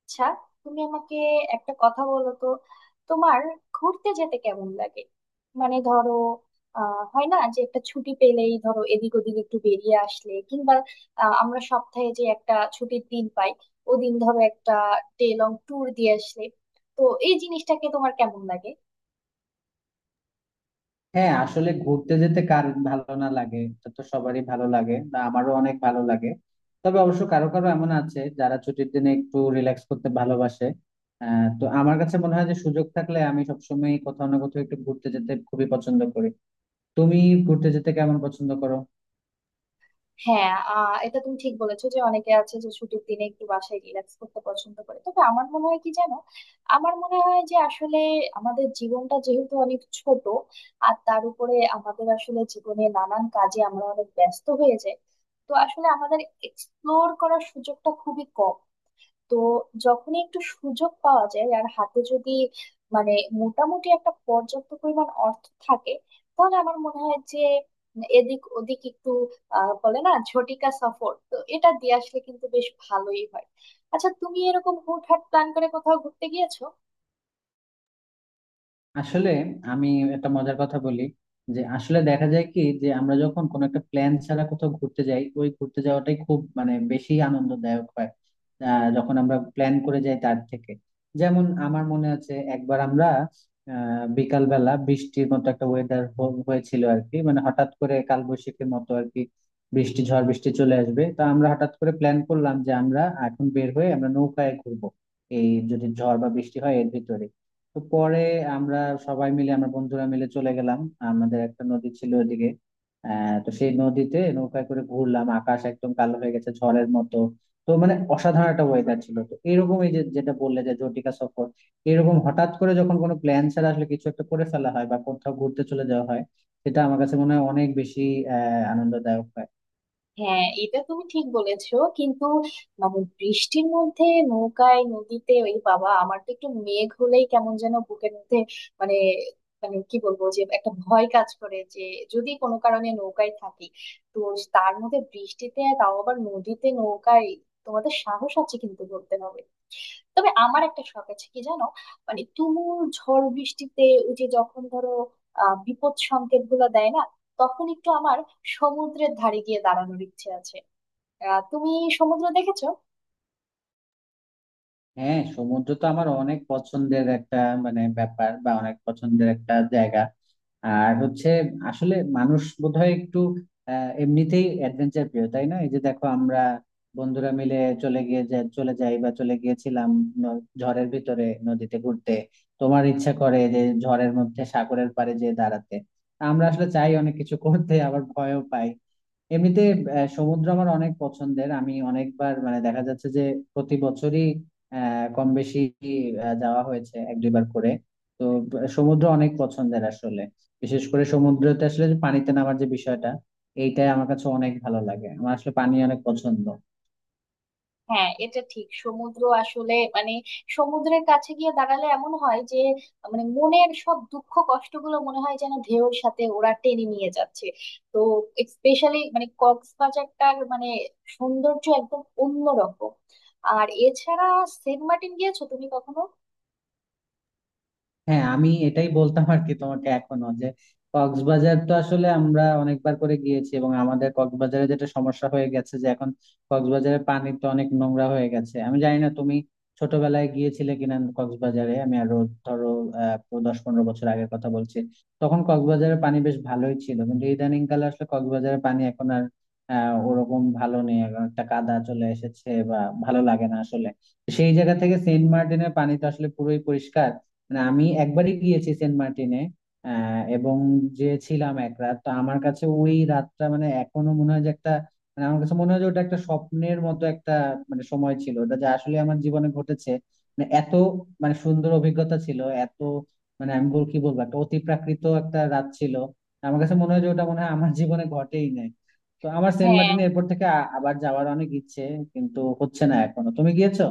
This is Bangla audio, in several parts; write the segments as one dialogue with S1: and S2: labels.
S1: আচ্ছা, তুমি আমাকে একটা কথা বলো তো, তোমার ঘুরতে যেতে কেমন লাগে? মানে ধরো, হয় না যে একটা ছুটি পেলেই ধরো এদিক ওদিক একটু বেরিয়ে আসলে, কিংবা আমরা সপ্তাহে যে একটা ছুটির দিন পাই, ওদিন ধরো একটা ডে লং ট্যুর দিয়ে আসলে, তো এই জিনিসটাকে তোমার কেমন লাগে?
S2: হ্যাঁ আসলে ঘুরতে যেতে কার ভালো না লাগে, এটা তো সবারই ভালো লাগে, না আমারও অনেক ভালো লাগে। তবে অবশ্য কারো কারো এমন আছে যারা ছুটির দিনে একটু রিল্যাক্স করতে ভালোবাসে। তো আমার কাছে মনে হয় যে সুযোগ থাকলে আমি সবসময় কোথাও না কোথাও একটু ঘুরতে যেতে খুবই পছন্দ করি। তুমি ঘুরতে যেতে কেমন পছন্দ করো?
S1: হ্যাঁ, এটা তুমি ঠিক বলেছো যে অনেকে আছে যে ছুটির দিনে একটু বাসায় রিল্যাক্স করতে পছন্দ করে। তবে আমার মনে হয় কি জানো, আমার মনে হয় যে আসলে আমাদের জীবনটা যেহেতু অনেক ছোট, আর তার উপরে আমাদের আসলে জীবনে নানান কাজে আমরা অনেক ব্যস্ত হয়ে যাই। তো আসলে আমাদের এক্সপ্লোর করার সুযোগটা খুবই কম। তো যখনই একটু সুযোগ পাওয়া যায়, আর হাতে যদি মানে মোটামুটি একটা পর্যাপ্ত পরিমাণ অর্থ থাকে, তাহলে আমার মনে হয় যে এদিক ওদিক একটু বলে না ঝটিকা সফর, তো এটা দিয়ে আসলে কিন্তু বেশ ভালোই হয়। আচ্ছা, তুমি এরকম হুটহাট প্ল্যান করে কোথাও ঘুরতে গিয়েছো?
S2: আসলে আমি একটা মজার কথা বলি, যে আসলে দেখা যায় কি, যে আমরা যখন কোনো একটা প্ল্যান ছাড়া কোথাও ঘুরতে যাই, ওই ঘুরতে যাওয়াটাই খুব মানে বেশি আনন্দদায়ক হয়, যখন আমরা প্ল্যান করে যাই তার থেকে। যেমন আমার মনে আছে একবার আমরা বিকালবেলা বৃষ্টির মতো একটা ওয়েদার হয়েছিল আর কি, মানে হঠাৎ করে কালবৈশাখীর মতো আর কি, বৃষ্টি ঝড় বৃষ্টি চলে আসবে। তা আমরা হঠাৎ করে প্ল্যান করলাম যে আমরা এখন বের হয়ে আমরা নৌকায় ঘুরবো, এই যদি ঝড় বা বৃষ্টি হয় এর ভিতরে। তো পরে আমরা সবাই মিলে আমরা বন্ধুরা মিলে চলে গেলাম, আমাদের একটা নদী ছিল ওদিকে। তো সেই নদীতে নৌকায় করে ঘুরলাম, আকাশ একদম কালো হয়ে গেছে ঝড়ের মতো। তো মানে অসাধারণ একটা ওয়েদার ছিল। তো এরকম এই যে যেটা বললে যে জটিকা সফর, এরকম হঠাৎ করে যখন কোনো প্ল্যান ছাড়া আসলে কিছু একটা করে ফেলা হয় বা কোথাও ঘুরতে চলে যাওয়া হয়, সেটা আমার কাছে মনে হয় অনেক বেশি আহ আনন্দদায়ক হয়।
S1: হ্যাঁ, এটা তুমি ঠিক বলেছো, কিন্তু মানে বৃষ্টির মধ্যে নৌকায় নদীতে, ওই বাবা, আমার তো একটু মেঘ হলেই কেমন যেন বুকের মধ্যে মানে, মানে কি বলবো, যে একটা ভয় কাজ করে যে যদি কোনো কারণে নৌকায় থাকি, তো তার মধ্যে বৃষ্টিতে, তাও আবার নদীতে নৌকায়! তোমাদের সাহস আছে কিন্তু, বলতে হবে। তবে আমার একটা শখ আছে কি জানো, মানে তুমুল ঝড় বৃষ্টিতে, ওই যে যখন ধরো বিপদ সংকেত গুলো দেয় না, তখন একটু আমার সমুদ্রের ধারে গিয়ে দাঁড়ানোর ইচ্ছে আছে। তুমি সমুদ্র দেখেছো?
S2: হ্যাঁ, সমুদ্র তো আমার অনেক পছন্দের একটা, মানে ব্যাপার বা অনেক পছন্দের একটা জায়গা। আর হচ্ছে আসলে মানুষ বোধহয় একটু এমনিতেই অ্যাডভেঞ্চার প্রিয়, তাই না? এই যে দেখো আমরা বন্ধুরা মিলে চলে গিয়ে চলে যাই বা চলে গিয়েছিলাম ঝড়ের ভিতরে নদীতে ঘুরতে। তোমার ইচ্ছা করে যে ঝড়ের মধ্যে সাগরের পাড়ে যেয়ে দাঁড়াতে। আমরা আসলে চাই অনেক কিছু করতে, আবার ভয়ও পাই এমনিতে। সমুদ্র আমার অনেক পছন্দের, আমি অনেকবার মানে দেখা যাচ্ছে যে প্রতি বছরই কম বেশি যাওয়া হয়েছে 1-2 বার করে। তো সমুদ্র অনেক পছন্দের আসলে। বিশেষ করে সমুদ্রতে আসলে যে পানিতে নামার যে বিষয়টা, এইটাই আমার কাছে অনেক ভালো লাগে, আমার আসলে পানি অনেক পছন্দ।
S1: হ্যাঁ, এটা ঠিক, সমুদ্র আসলে মানে সমুদ্রের কাছে গিয়ে দাঁড়ালে এমন হয় যে মানে মনের সব দুঃখ কষ্টগুলো মনে হয় যেন ঢেউর সাথে ওরা টেনে নিয়ে যাচ্ছে। তো স্পেশালি মানে কক্সবাজারটার মানে সৌন্দর্য একদম অন্যরকম। আর এছাড়া সেন্ট মার্টিন গিয়েছো তুমি কখনো?
S2: হ্যাঁ, আমি এটাই বলতাম আর কি তোমাকে এখনো, যে কক্সবাজার তো আসলে আমরা অনেকবার করে গিয়েছি, এবং আমাদের কক্সবাজারে যেটা সমস্যা হয়ে গেছে যে এখন কক্সবাজারের পানি তো অনেক নোংরা হয়ে গেছে। আমি জানি না তুমি ছোটবেলায় গিয়েছিলে কিনা কক্সবাজারে, আমি আরো ধরো 10-15 বছর আগের কথা বলছি, তখন কক্সবাজারের পানি বেশ ভালোই ছিল, কিন্তু ইদানিং কালে আসলে কক্সবাজারের পানি এখন আর ওরকম ভালো নেই, এখন একটা কাদা চলে এসেছে বা ভালো লাগে না আসলে। সেই জায়গা থেকে সেন্ট মার্টিনের পানি তো আসলে পুরোই পরিষ্কার। মানে আমি একবারই গিয়েছি সেন্ট মার্টিনে, এবং যে ছিলাম এক রাত, তো আমার কাছে ওই রাতটা মানে এখনো মনে হয় যে একটা, মানে আমার কাছে মনে হয় যে ওটা একটা স্বপ্নের মতো একটা মানে সময় ছিল ওটা, যা আসলে আমার জীবনে ঘটেছে। মানে এত মানে সুন্দর অভিজ্ঞতা ছিল, এত মানে আমি বল কি বলবো, একটা অতি প্রাকৃত একটা রাত ছিল। আমার কাছে মনে হয় যে ওটা মনে হয় আমার জীবনে ঘটেই নাই। তো আমার সেন্ট
S1: হ্যাঁ,
S2: মার্টিনে এরপর থেকে আবার যাওয়ার অনেক ইচ্ছে, কিন্তু হচ্ছে না এখনো। তুমি গিয়েছো?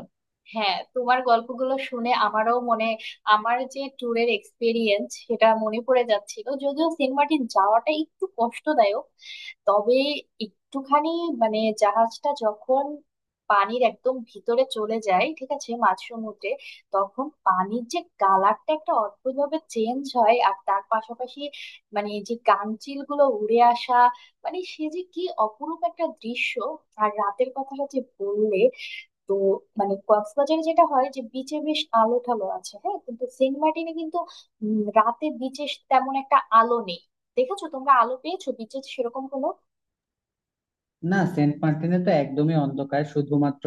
S1: হ্যাঁ, তোমার গল্পগুলো শুনে আমারও মনে আমার যে ট্যুরের এক্সপিরিয়েন্স সেটা মনে পড়ে যাচ্ছিল। যদিও সেন্ট মার্টিন যাওয়াটা একটু কষ্টদায়ক, তবে একটুখানি মানে জাহাজটা যখন পানির একদম ভিতরে চলে যায়, ঠিক আছে, মাঝ সমুদ্রে, তখন পানির যে কালারটা একটা অদ্ভুতভাবে চেঞ্জ হয়, আর তার পাশাপাশি মানে যে কাঞ্চিল গুলো উড়ে আসা, মানে সে যে কি অপরূপ একটা দৃশ্য! আর রাতের কথাটা যে বললে, তো মানে কক্সবাজারে যেটা হয় যে বিচে বেশ আলো ঠালো আছে, হ্যাঁ, কিন্তু সেন্ট মার্টিনে কিন্তু রাতে বিচে তেমন একটা আলো নেই। দেখেছো, তোমরা আলো পেয়েছো বিচে সেরকম কোনো?
S2: না, সেন্ট মার্টিনে তো একদমই অন্ধকার, শুধুমাত্র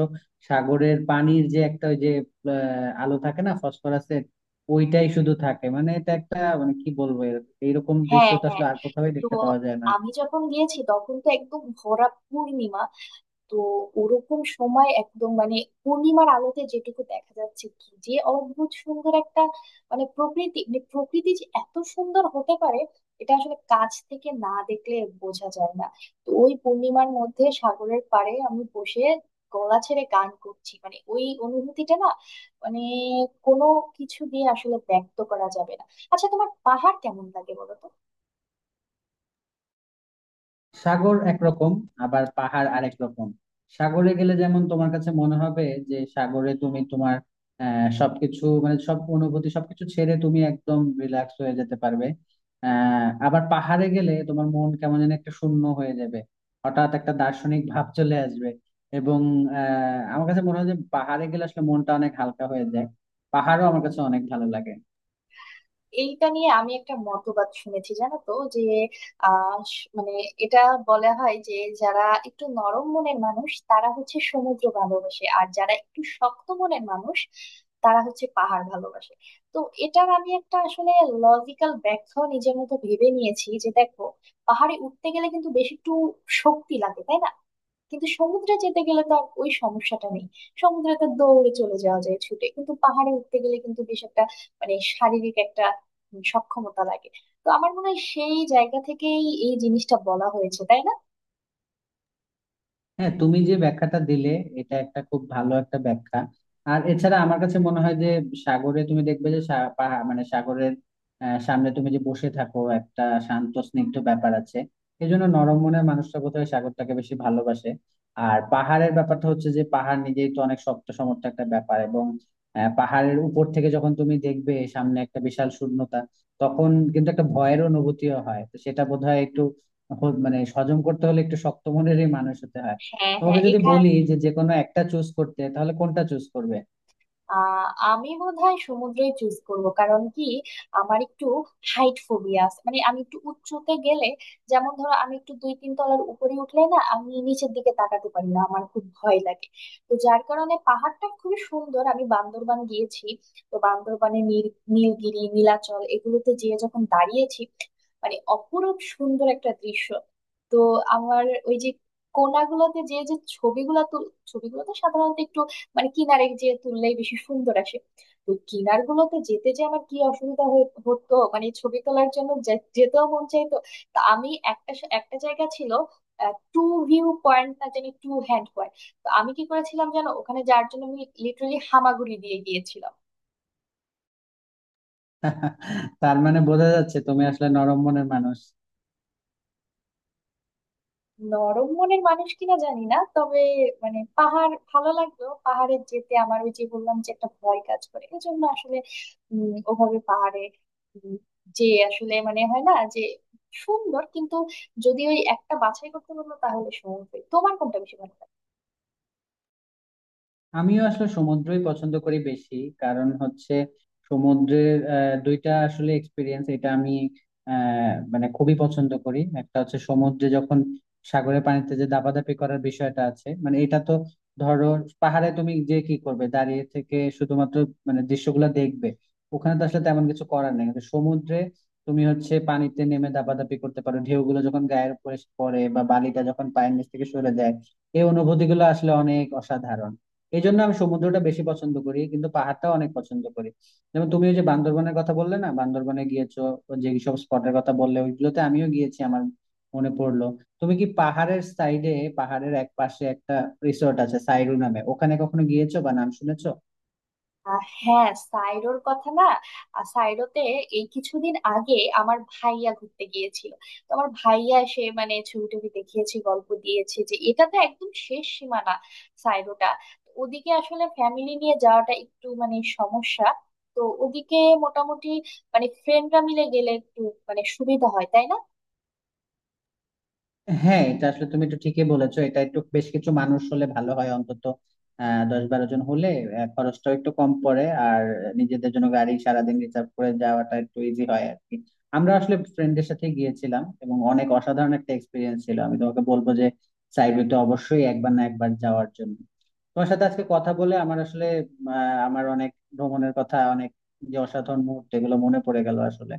S2: সাগরের পানির যে একটা, ওই যে আলো থাকে না ফসফরাসের, ওইটাই শুধু থাকে। মানে এটা একটা, মানে কি বলবো, এইরকম দৃশ্য
S1: হ্যাঁ,
S2: তো আসলে
S1: হ্যাঁ।
S2: আর কোথাও
S1: তো
S2: দেখতে পাওয়া যায় না।
S1: আমি যখন গিয়েছি তখন তো একদম ভরা পূর্ণিমা। তো ওরকম সময় একদম মানে পূর্ণিমার আলোতে যেটুকু দেখা যাচ্ছে, কি যে অদ্ভুত সুন্দর একটা মানে প্রকৃতি, মানে প্রকৃতি যে এত সুন্দর হতে পারে এটা আসলে কাছ থেকে না দেখলে বোঝা যায় না। তো ওই পূর্ণিমার মধ্যে সাগরের পাড়ে আমি বসে গলা ছেড়ে গান করছি, মানে ওই অনুভূতিটা না মানে কোনো কিছু দিয়ে আসলে ব্যক্ত করা যাবে না। আচ্ছা, তোমার পাহাড় কেমন লাগে বলো তো?
S2: সাগর একরকম, আবার পাহাড় আরেক রকম। সাগরে গেলে যেমন তোমার কাছে মনে হবে যে সাগরে তুমি তোমার সবকিছু মানে সব অনুভূতি সবকিছু ছেড়ে তুমি একদম রিল্যাক্স হয়ে যেতে পারবে। আবার পাহাড়ে গেলে তোমার মন কেমন যেন একটা শূন্য হয়ে যাবে, হঠাৎ একটা দার্শনিক ভাব চলে আসবে। এবং আমার কাছে মনে হয় যে পাহাড়ে গেলে আসলে মনটা অনেক হালকা হয়ে যায়, পাহাড়ও আমার কাছে অনেক ভালো লাগে।
S1: এইটা নিয়ে আমি একটা মতবাদ শুনেছি, জানো তো, যে মানে এটা বলা হয় যে যারা একটু নরম মনের মানুষ তারা হচ্ছে সমুদ্র ভালোবাসে, আর যারা একটু শক্ত মনের মানুষ তারা হচ্ছে পাহাড় ভালোবাসে। তো এটার আমি একটা আসলে লজিক্যাল ব্যাখ্যা নিজের মতো ভেবে নিয়েছি, যে দেখো, পাহাড়ে উঠতে গেলে কিন্তু বেশ একটু শক্তি লাগে, তাই না? কিন্তু সমুদ্রে যেতে গেলে তো আর ওই সমস্যাটা নেই। সমুদ্রে তো দৌড়ে চলে যাওয়া যায় ছুটে, কিন্তু পাহাড়ে উঠতে গেলে কিন্তু বেশ একটা মানে শারীরিক একটা সক্ষমতা লাগে। তো আমার মনে হয় সেই জায়গা থেকেই এই জিনিসটা বলা হয়েছে, তাই না?
S2: হ্যাঁ, তুমি যে ব্যাখ্যাটা দিলে, এটা একটা খুব ভালো একটা ব্যাখ্যা। আর এছাড়া আমার কাছে মনে হয় যে সাগরে তুমি দেখবে যে মানে সাগরের সামনে তুমি যে বসে থাকো, একটা শান্ত স্নিগ্ধ ব্যাপার আছে, এই জন্য নরম মনের মানুষটা বোধহয় সাগরটাকে বেশি ভালোবাসে। আর পাহাড়ের ব্যাপারটা হচ্ছে যে পাহাড় নিজেই তো অনেক শক্ত সমর্থ একটা ব্যাপার, এবং পাহাড়ের উপর থেকে যখন তুমি দেখবে সামনে একটা বিশাল শূন্যতা, তখন কিন্তু একটা ভয়ের অনুভূতিও হয়, তো সেটা বোধহয় একটু মানে হজম করতে হলে একটু শক্ত মনেরই মানুষ হতে হয়।
S1: হ্যাঁ,
S2: তোমাকে
S1: হ্যাঁ।
S2: যদি বলি যে যে কোনো একটা চুজ করতে, তাহলে কোনটা চুজ করবে?
S1: আহ আমি বোধহয় সমুদ্রই চুজ করব। কারণ কি, আমার একটু হাইট ফোবিয়া আছে, মানে আমি একটু উঁচুতে গেলে, যেমন ধরো আমি একটু দুই তিন তলার উপরে উঠলে না, আমি নিচের দিকে তাকাতে পারি না, আমার খুব ভয় লাগে। তো যার কারণে পাহাড়টা খুবই সুন্দর। আমি বান্দরবান গিয়েছি, তো বান্দরবানে নীলগিরি নীলাচল এগুলোতে যেয়ে যখন দাঁড়িয়েছি, মানে অপরূপ সুন্দর একটা দৃশ্য। তো আমার ওই যে কোনাগুলোতে যে যে ছবিগুলো তো সাধারণত একটু মানে কিনারে যে তুললেই বেশি সুন্দর আসে। তো কিনার গুলোতে যেতে যে আমার কি অসুবিধা হতো, মানে ছবি তোলার জন্য যেতেও মন চাইতো। তা আমি একটা জায়গা ছিল টু ভিউ পয়েন্ট না জানি টু হ্যান্ড পয়েন্ট, তো আমি কি করেছিলাম জানো, ওখানে যাওয়ার জন্য আমি লিটারালি হামাগুড়ি দিয়ে গিয়েছিলাম।
S2: তার মানে বোঝা যাচ্ছে তুমি আসলে নরম মনের মানুষ।
S1: নরম মনের মানুষ কিনা জানি না, তবে মানে পাহাড় ভালো লাগলো, পাহাড়ে যেতে আমার ওই যে বললাম যে একটা ভয় কাজ করে, এই জন্য আসলে ওভাবে পাহাড়ে উম, যে আসলে মানে হয় না যে সুন্দর, কিন্তু যদি ওই একটা বাছাই করতে বললো, তাহলে সময় তোমার কোনটা বেশি ভালো লাগে?
S2: আমিও আসলে সমুদ্রই পছন্দ করি বেশি। কারণ হচ্ছে সমুদ্রের দুইটা আসলে এক্সপিরিয়েন্স এটা আমি মানে খুবই পছন্দ করি। একটা হচ্ছে সমুদ্রে যখন সাগরের পানিতে যে দাপাদাপি করার বিষয়টা আছে, মানে এটা তো, ধরো পাহাড়ে তুমি যে কি করবে দাঁড়িয়ে থেকে, শুধুমাত্র মানে দৃশ্যগুলো দেখবে, ওখানে তো আসলে তেমন কিছু করার নেই। কিন্তু সমুদ্রে তুমি হচ্ছে পানিতে নেমে দাপাদাপি করতে পারো, ঢেউগুলো যখন গায়ের উপরে এসে পড়ে বা বালিটা যখন পায়ের নিচ থেকে সরে যায়, এই অনুভূতিগুলো আসলে অনেক অসাধারণ। এই জন্য আমি সমুদ্রটা বেশি পছন্দ করি, কিন্তু পাহাড়টাও অনেক পছন্দ করি। যেমন তুমি ওই যে বান্দরবনের কথা বললে না, বান্দরবনে গিয়েছো, যে সব স্পটের কথা বললে, ওইগুলোতে আমিও গিয়েছি। আমার মনে পড়লো, তুমি কি পাহাড়ের সাইডে, পাহাড়ের এক পাশে একটা রিসোর্ট আছে সাইরু নামে, ওখানে কখনো গিয়েছো বা নাম শুনেছো?
S1: হ্যাঁ, সাইরোর কথা না, সাইরোতে এই কিছুদিন আগে আমার ভাইয়া ঘুরতে গিয়েছিল। তো আমার ভাইয়া সে মানে ছবি টবি দেখিয়েছে, গল্প দিয়েছে যে এটা তো একদম শেষ সীমানা সাইরোটা। তো ওদিকে আসলে ফ্যামিলি নিয়ে যাওয়াটা একটু মানে সমস্যা। তো ওদিকে মোটামুটি মানে ফ্রেন্ডরা মিলে গেলে একটু মানে সুবিধা হয়, তাই না?
S2: হ্যাঁ, এটা আসলে তুমি একটু ঠিকই বলেছো, এটা একটু বেশ কিছু মানুষ হলে ভালো হয়, অন্তত 10-12 জন হলে খরচটাও একটু কম পড়ে, আর নিজেদের জন্য গাড়ি সারাদিন রিজার্ভ করে যাওয়াটা একটু ইজি হয় আর কি। আমরা আসলে ফ্রেন্ডের সাথে গিয়েছিলাম, এবং অনেক অসাধারণ একটা এক্সপিরিয়েন্স ছিল। আমি তোমাকে বলবো যে সাইবেরিয়াতে অবশ্যই একবার না একবার যাওয়ার জন্য। তোমার সাথে আজকে কথা বলে আমার আসলে আহ, আমার অনেক ভ্রমণের কথা, অনেক যে অসাধারণ মুহূর্ত, এগুলো মনে পড়ে গেল আসলে।